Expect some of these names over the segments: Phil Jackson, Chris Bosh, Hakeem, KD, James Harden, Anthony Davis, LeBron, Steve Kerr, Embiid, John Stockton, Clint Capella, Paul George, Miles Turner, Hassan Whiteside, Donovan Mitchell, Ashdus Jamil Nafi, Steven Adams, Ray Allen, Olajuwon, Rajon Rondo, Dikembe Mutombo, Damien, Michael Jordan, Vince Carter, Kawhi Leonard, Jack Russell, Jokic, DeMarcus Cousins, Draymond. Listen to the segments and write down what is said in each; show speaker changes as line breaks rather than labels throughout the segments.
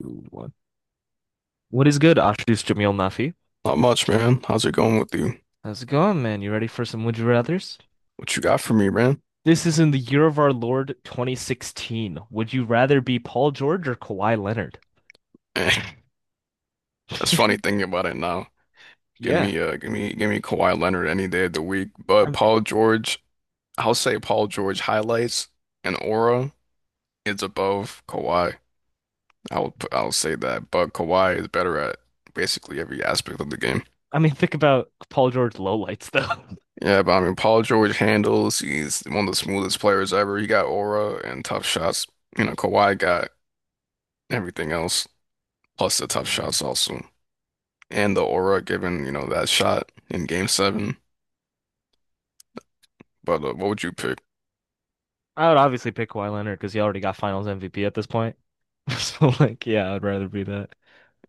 Two, one. What is good? Ashdus Jamil Nafi.
Not much, man. How's it going with you?
How's it going, man? You ready for some Would You Rathers?
What you got for me, man?
This is in the year of our Lord 2016. Would you rather be Paul George or Kawhi Leonard?
That's funny thinking about it now. Give
Yeah.
me give me give me Kawhi Leonard any day of the week.
I
But Paul George, I'll say Paul George highlights and aura is above Kawhi. I will put I'll say that. But Kawhi is better at basically every aspect of the game.
I mean, think about Paul George lowlights, though.
Yeah, but I mean Paul George handles, he's one of the smoothest players ever. He got aura and tough shots. You know, Kawhi got everything else, plus the tough
Mm.
shots also. And the aura given, that shot in game seven. But what would you pick?
I would obviously pick Kawhi Leonard because he already got Finals MVP at this point. So, like, yeah, I'd rather be that.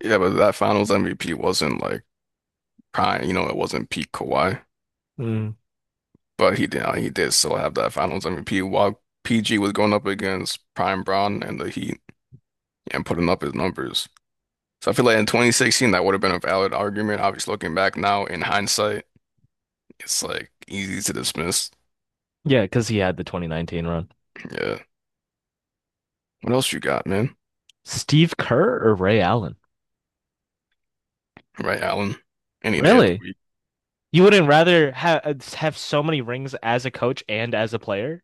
Yeah, but that finals MVP wasn't like prime, it wasn't peak Kawhi,
Mm.
but he did still have that finals MVP while PG was going up against prime Bron and the Heat and putting up his numbers. So I feel like in 2016 that would have been a valid argument. Obviously, looking back now in hindsight, it's like easy to dismiss.
Yeah, because he had the 2019 run.
Yeah. What else you got, man?
Steve Kerr or Ray Allen?
Right, Allen? Any day of the
Really?
week.
You wouldn't rather have so many rings as a coach and as a player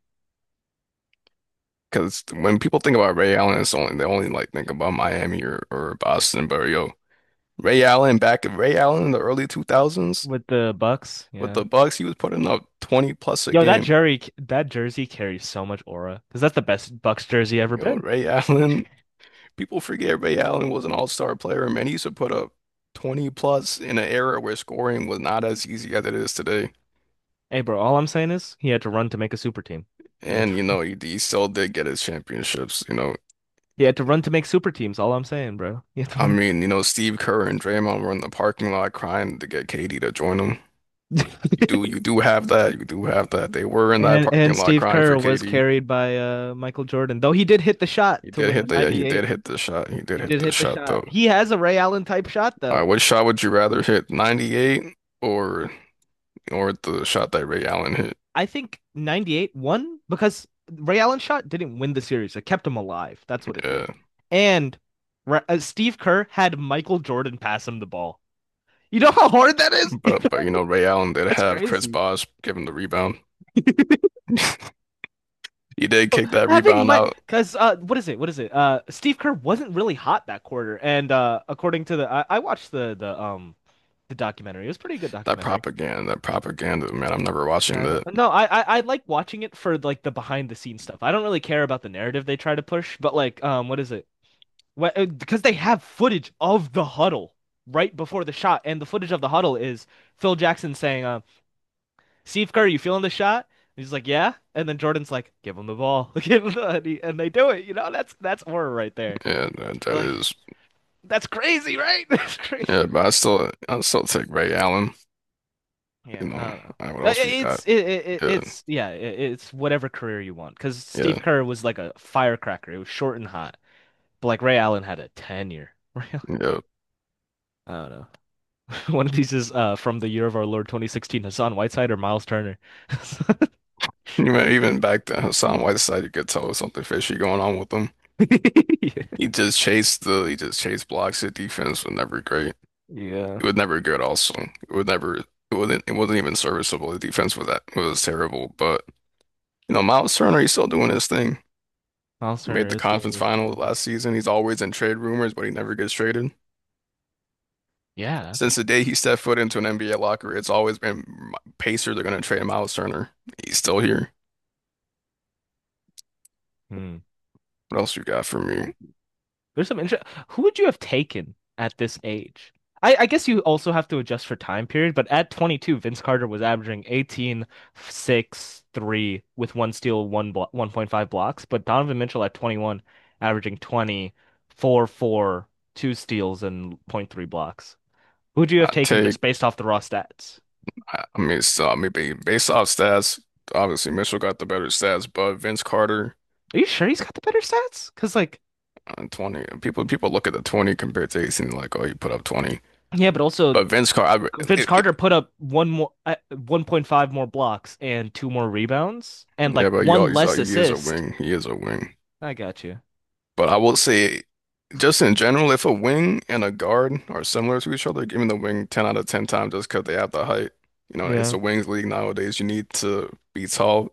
Because when people think about Ray Allen, it's only they only like think about Miami, or Boston. But yo, Ray Allen in the early 2000s
with the Bucks?
with
Yeah.
the Bucks, he was putting up 20 plus a
Yo, that
game.
jersey that jersey carries so much aura because that's the best Bucks jersey ever
Yo,
been.
Ray Allen, people forget Ray Allen was an all-star player, man. He used to put up 20 plus in an era where scoring was not as easy as it is today.
Hey, bro, all I'm saying is he had to run to make a super team. He had
And
to,
he still did get his championships.
he had to run to make super teams. All I'm saying, bro, he had to
I
run.
mean, Steve Kerr and Draymond were in the parking lot crying to get KD to join them. You do you do have that. You do have that. They were in that
And
parking lot
Steve
crying
Kerr
for
was
Katie.
carried by Michael Jordan, though he did hit the shot
He
to
did
win the
hit the yeah, he did
98.
hit the shot. He did
He
hit
did
the
hit the
shot
shot.
though.
He has a Ray Allen type shot
All right,
though.
what shot would you rather hit? 98 or the shot that Ray Allen hit?
I think 98 won because Ray Allen shot didn't win the series. It kept him alive. That's what it did.
Yeah.
And Steve Kerr had Michael Jordan pass him the ball. You know how hard that is?
But Ray Allen did
That's
have Chris
crazy.
Bosh give him the rebound. He did kick that
Having
rebound
my
out.
because what is it? What is it? Steve Kerr wasn't really hot that quarter, and according to I watched the documentary. It was a pretty good documentary.
That propaganda, man, I'm never
Yeah,
watching
I know.
that.
No, I like watching it for like the behind the scenes stuff. I don't really care about the narrative they try to push, but like what is it? Because they have footage of the huddle right before the shot, and the footage of the huddle is Phil Jackson saying, "Steve Kerr, you feeling the shot?" And he's like, "Yeah," and then Jordan's like, "Give him the ball," Give him the- and, he- and they do it. You know, that's horror right there.
Yeah, that
Like
is.
that's crazy, right? That's
Yeah,
crazy.
but
Like,
I still take Ray Allen,
yeah,
you know.
I don't know.
All right, what else we got?
It's it, it
Yeah,
it's yeah it, it's whatever career you want because
yeah,
Steve Kerr was like a firecracker. It was short and hot, but like Ray Allen had a tenure. Ray
yeah.
I don't know. One of these is from the year of our Lord 2016, Hassan Whiteside or Miles Turner.
Even back then, Hassan Whiteside, you could tell there was something fishy going on with him. He just chased blocks. His defense was never great.
Yeah.
It was never good. Also, it was never, it it wasn't even serviceable. The defense was That was terrible. But Miles Turner, he's still doing his thing.
Miles
He made
Turner
the
is doing
conference
his
final
thing.
last season. He's always in trade rumors, but he never gets traded.
Yeah, that's it.
Since the day he stepped foot into an NBA locker, it's always been Pacers are going to trade Miles Turner. He's still here.
Hmm.
What else you got for
Ooh.
me?
There's some interest. Who would you have taken at this age? I guess you also have to adjust for time period, but at 22, Vince Carter was averaging 18, 6, 3 with one steal, one blo 1.5 blocks. But Donovan Mitchell at 21, averaging 20, 4, 4, 2 steals, and 0.3 blocks. Who'd you have
I
taken
take.
just based off the raw stats?
I mean, based off stats, obviously Mitchell got the better stats, but Vince Carter
Are you sure he's got the better stats? Because like,
on 20, people look at the 20 compared to 18, like, oh, he put up 20.
yeah, but also
But Vince Carter,
Vince Carter put up 1.5 more blocks and two more rebounds and like
yeah, but
one less
he is a
assist.
wing. He is a wing.
I got you.
But I will say, just in general, if a wing and a guard are similar to each other, giving the wing 10 out of 10 times just because they have the height. It's
Yeah.
a wings league nowadays. You need to be tall.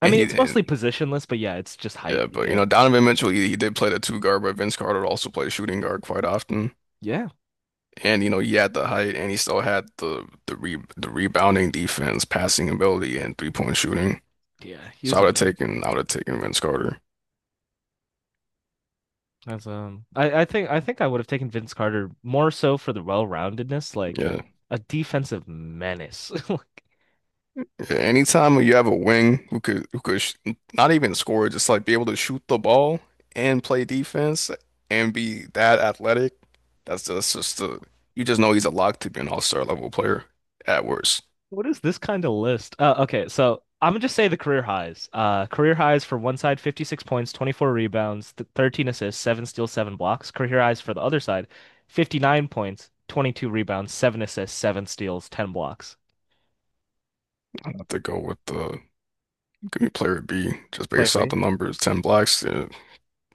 I
And
mean,
he,
it's
and
mostly positionless, but yeah, it's just height
Yeah,
you
but
get.
Donovan Mitchell, he did play the two guard, but Vince Carter also played shooting guard quite often.
Yeah.
And he had the height, and he still had the rebounding defense, passing ability, and 3-point shooting.
Yeah, he
So
was a menace.
I would have taken Vince Carter.
As I think I would have taken Vince Carter more so for the well-roundedness, like
Yeah.
a defensive menace. Like,
Anytime you have a wing who could sh not even score, just like be able to shoot the ball and play defense and be that athletic, that's just the you just know he's a lock to be an all-star level player at worst.
what is this kind of list? Okay, so I'm gonna just say the career highs. Career highs for one side, 56 points, 24 rebounds, th 13 assists, seven steals, seven blocks. Career highs for the other side, 59 points, 22 rebounds, seven assists, seven steals, 10 blocks.
I have to go with the Give me player B, just
Player
based off
B?
the numbers, 10 blocks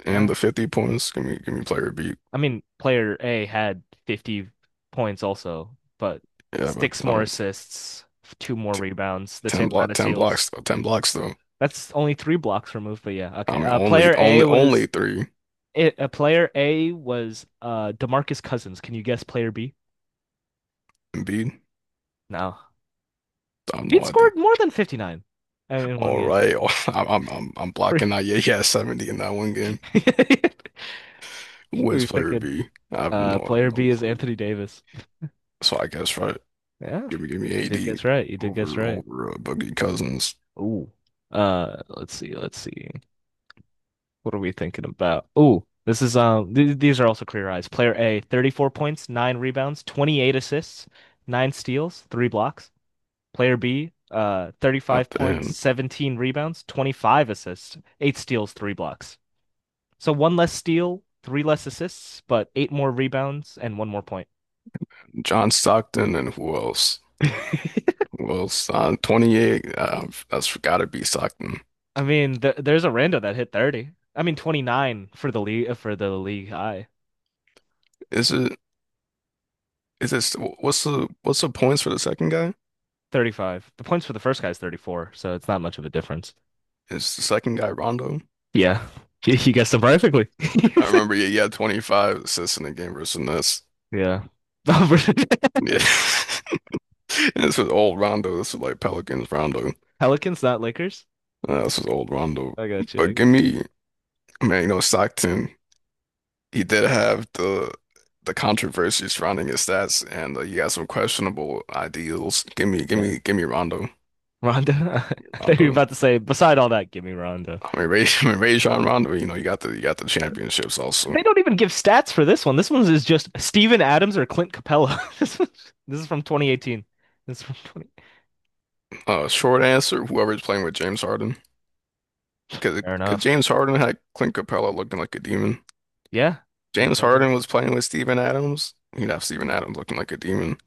and
Uh,
the 50 points. Give me player B.
I mean, player A had 50 points also, but
Yeah, but
six
I
more
mean,
assists, two more
t
rebounds, the
10
same amount
block,
of
10
steals.
blocks, though, 10 blocks though.
That's only three blocks removed, but yeah,
I
okay.
mean,
Uh,
only,
player A
only, only
was
three.
It, uh, player A was DeMarcus Cousins. Can you guess player B?
Embiid.
No.
I have
He'd
no idea.
scored more than 59 in one
All
game.
right, I'm blocking out. Yeah, yeah, 70 in that one game. Who
What are
is
you
player
thinking.
B?
Uh,
I have
player
no
B is
clue.
Anthony Davis.
So I guess right,
Yeah,
give me
you did
AD
guess right. You did guess
over,
right.
over uh, Boogie Cousins
Ooh. Let's see. Let's see. What are we thinking about? Ooh, this is. Th these are also clear eyes. Player A, 34 points, nine rebounds, 28 assists, nine steals, three blocks. Player B,
at
35
the
points,
end.
17 rebounds, 25 assists, eight steals, three blocks. So one less steal, three less assists, but eight more rebounds and one more point.
John Stockton and who else?
I
Well, Son 28, that's gotta be Stockton.
mean, th there's a rando that hit 30. I mean, 29 for the league high.
Is it? Is it? What's the points for the second guy?
35. The points for the first guy is 34, so it's not much of a difference.
Is the second guy Rondo?
Yeah. You guessed it perfectly.
I remember. Yeah, he had 25 assists in the game versus the Nets.
Yeah.
Yeah, and this was old Rondo. This was like Pelicans Rondo.
Pelicans, not Lakers.
This was old Rondo.
I got you. I
But give
got you.
me, man, you know Stockton. He did have the controversy surrounding his stats, and he had some questionable ideals. Give me, give
Yeah.
me, give me Rondo.
Rhonda? I thought you were
Rondo.
about to say, beside all that, give me Rhonda.
I mean, I mean, Rajon Rondo, you got the championships also.
They don't even give stats for this one. This one is just Steven Adams or Clint Capella. This is from 2018. This is from 20.
Short answer, whoever's playing with James Harden, because
Fair enough.
James Harden had Clint Capella looking like a demon.
Yeah, you
James
right it.
Harden was playing with Steven Adams, you'd have Steven Adams looking like a demon.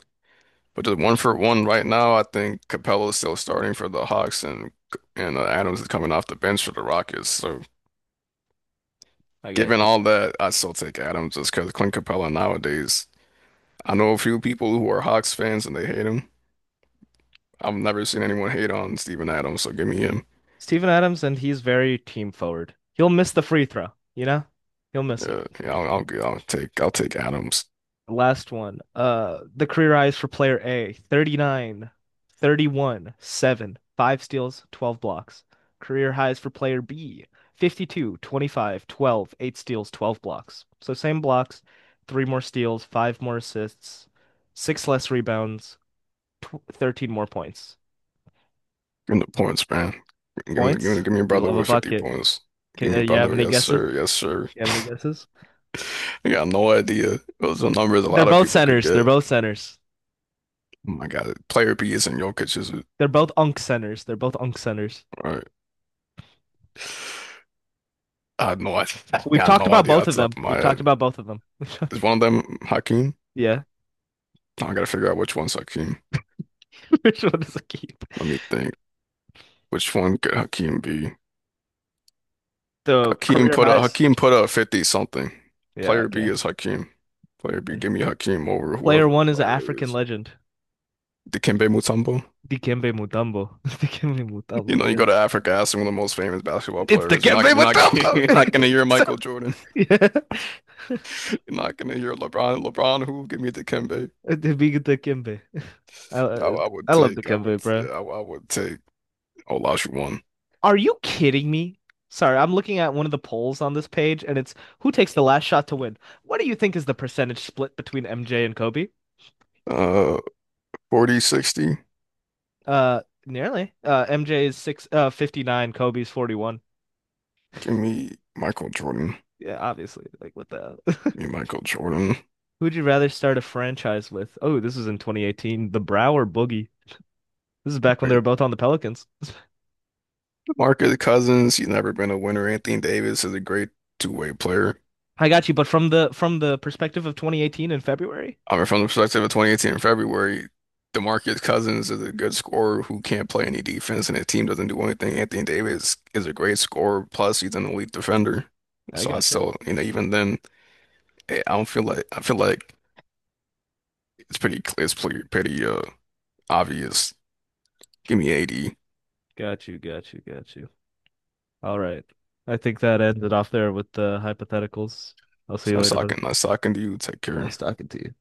But just one for one right now, I think Capella is still starting for the Hawks, and Adams is coming off the bench for the Rockets. So
I got
given
you.
all that, I still take Adams just because Clint Capella nowadays. I know a few people who are Hawks fans and they hate him. I've never seen anyone hate on Steven Adams, so give me him.
Steven Adams, and he's very team forward. He'll miss the free throw, you know? He'll miss it
Yeah,
for
yeah,
your team.
I'll take Adams.
Last one. The career highs for player A, 39, 31, 7, 5 steals, 12 blocks. Career highs for player B, 52, 25, 12, 8 steals, 12 blocks. So same blocks, 3 more steals, 5 more assists, 6 less rebounds, tw 13 more points.
Give him the points, man.
Points?
Give me a
You
brother
love a
with 50
bucket.
points.
Can,
Give
uh,
me
you have
brother,
any
yes
guesses?
sir, yes sir.
You have any guesses?
I got no idea. Those are numbers a
They're
lot of
both
people could
centers. They're
get.
both centers.
Oh my God, player B isn't Jokic, is it?
They're both unk centers. They're both unk centers.
All right. I had no idea. I
We've
got
talked
no
about
idea
both
off
of
the
them.
top of my
We've talked
head.
about both of them.
Is one of them Hakeem?
Yeah.
I gotta figure out which one's Hakeem.
Which one does it keep?
Let me think. Which one could Hakeem be?
The career highs.
Hakeem put up 50 something.
Yeah,
Player B
okay.
is Hakeem. Player B,
And
give me Hakeem over
player
whoever
one is an
player A
African
is.
legend.
Dikembe Mutombo.
Dikembe Mutombo. Dikembe Mutombo.
You go
Yes.
to Africa, ask one of the most famous basketball
It's
players.
Dikembe
You're not
Mutombo.
You're not gonna hear
So,
Michael Jordan.
yeah.
You're not gonna hear LeBron. LeBron who? Give me Dikembe.
The big Dikembe. I, uh,
I would
I love
take I would
Dikembe,
yeah,
bro.
I would take Olajuwon.
Are you kidding me? Sorry, I'm looking at one of the polls on this page and it's who takes the last shot to win. What do you think is the percentage split between MJ and Kobe?
Uh 40-60.
Nearly. MJ's six 59, Kobe's 41.
Give me Michael Jordan.
Yeah, obviously. Like what the hell?
Give me Michael Jordan.
Who would you rather start a franchise with? Oh, this is in 2018. The Brow or Boogie? This is back when
I
they were both on the Pelicans.
Marcus Cousins, he's never been a winner. Anthony Davis is a great two-way player.
I got you, but from the perspective of 2018 in February,
I mean, from the perspective of 2018 in February, DeMarcus Cousins is a good scorer who can't play any defense, and his team doesn't do anything. Anthony Davis is a great scorer, plus he's an elite defender.
I
So I
got you.
still, even then, I don't feel like I feel like it's pretty clear, it's pretty, pretty obvious. Give me AD. It's
Got you, got you, got you. All right. I think that ended off there with the hypotheticals. I'll see you later, buddy.
nice talking to you. Take care.
Nice talking to you.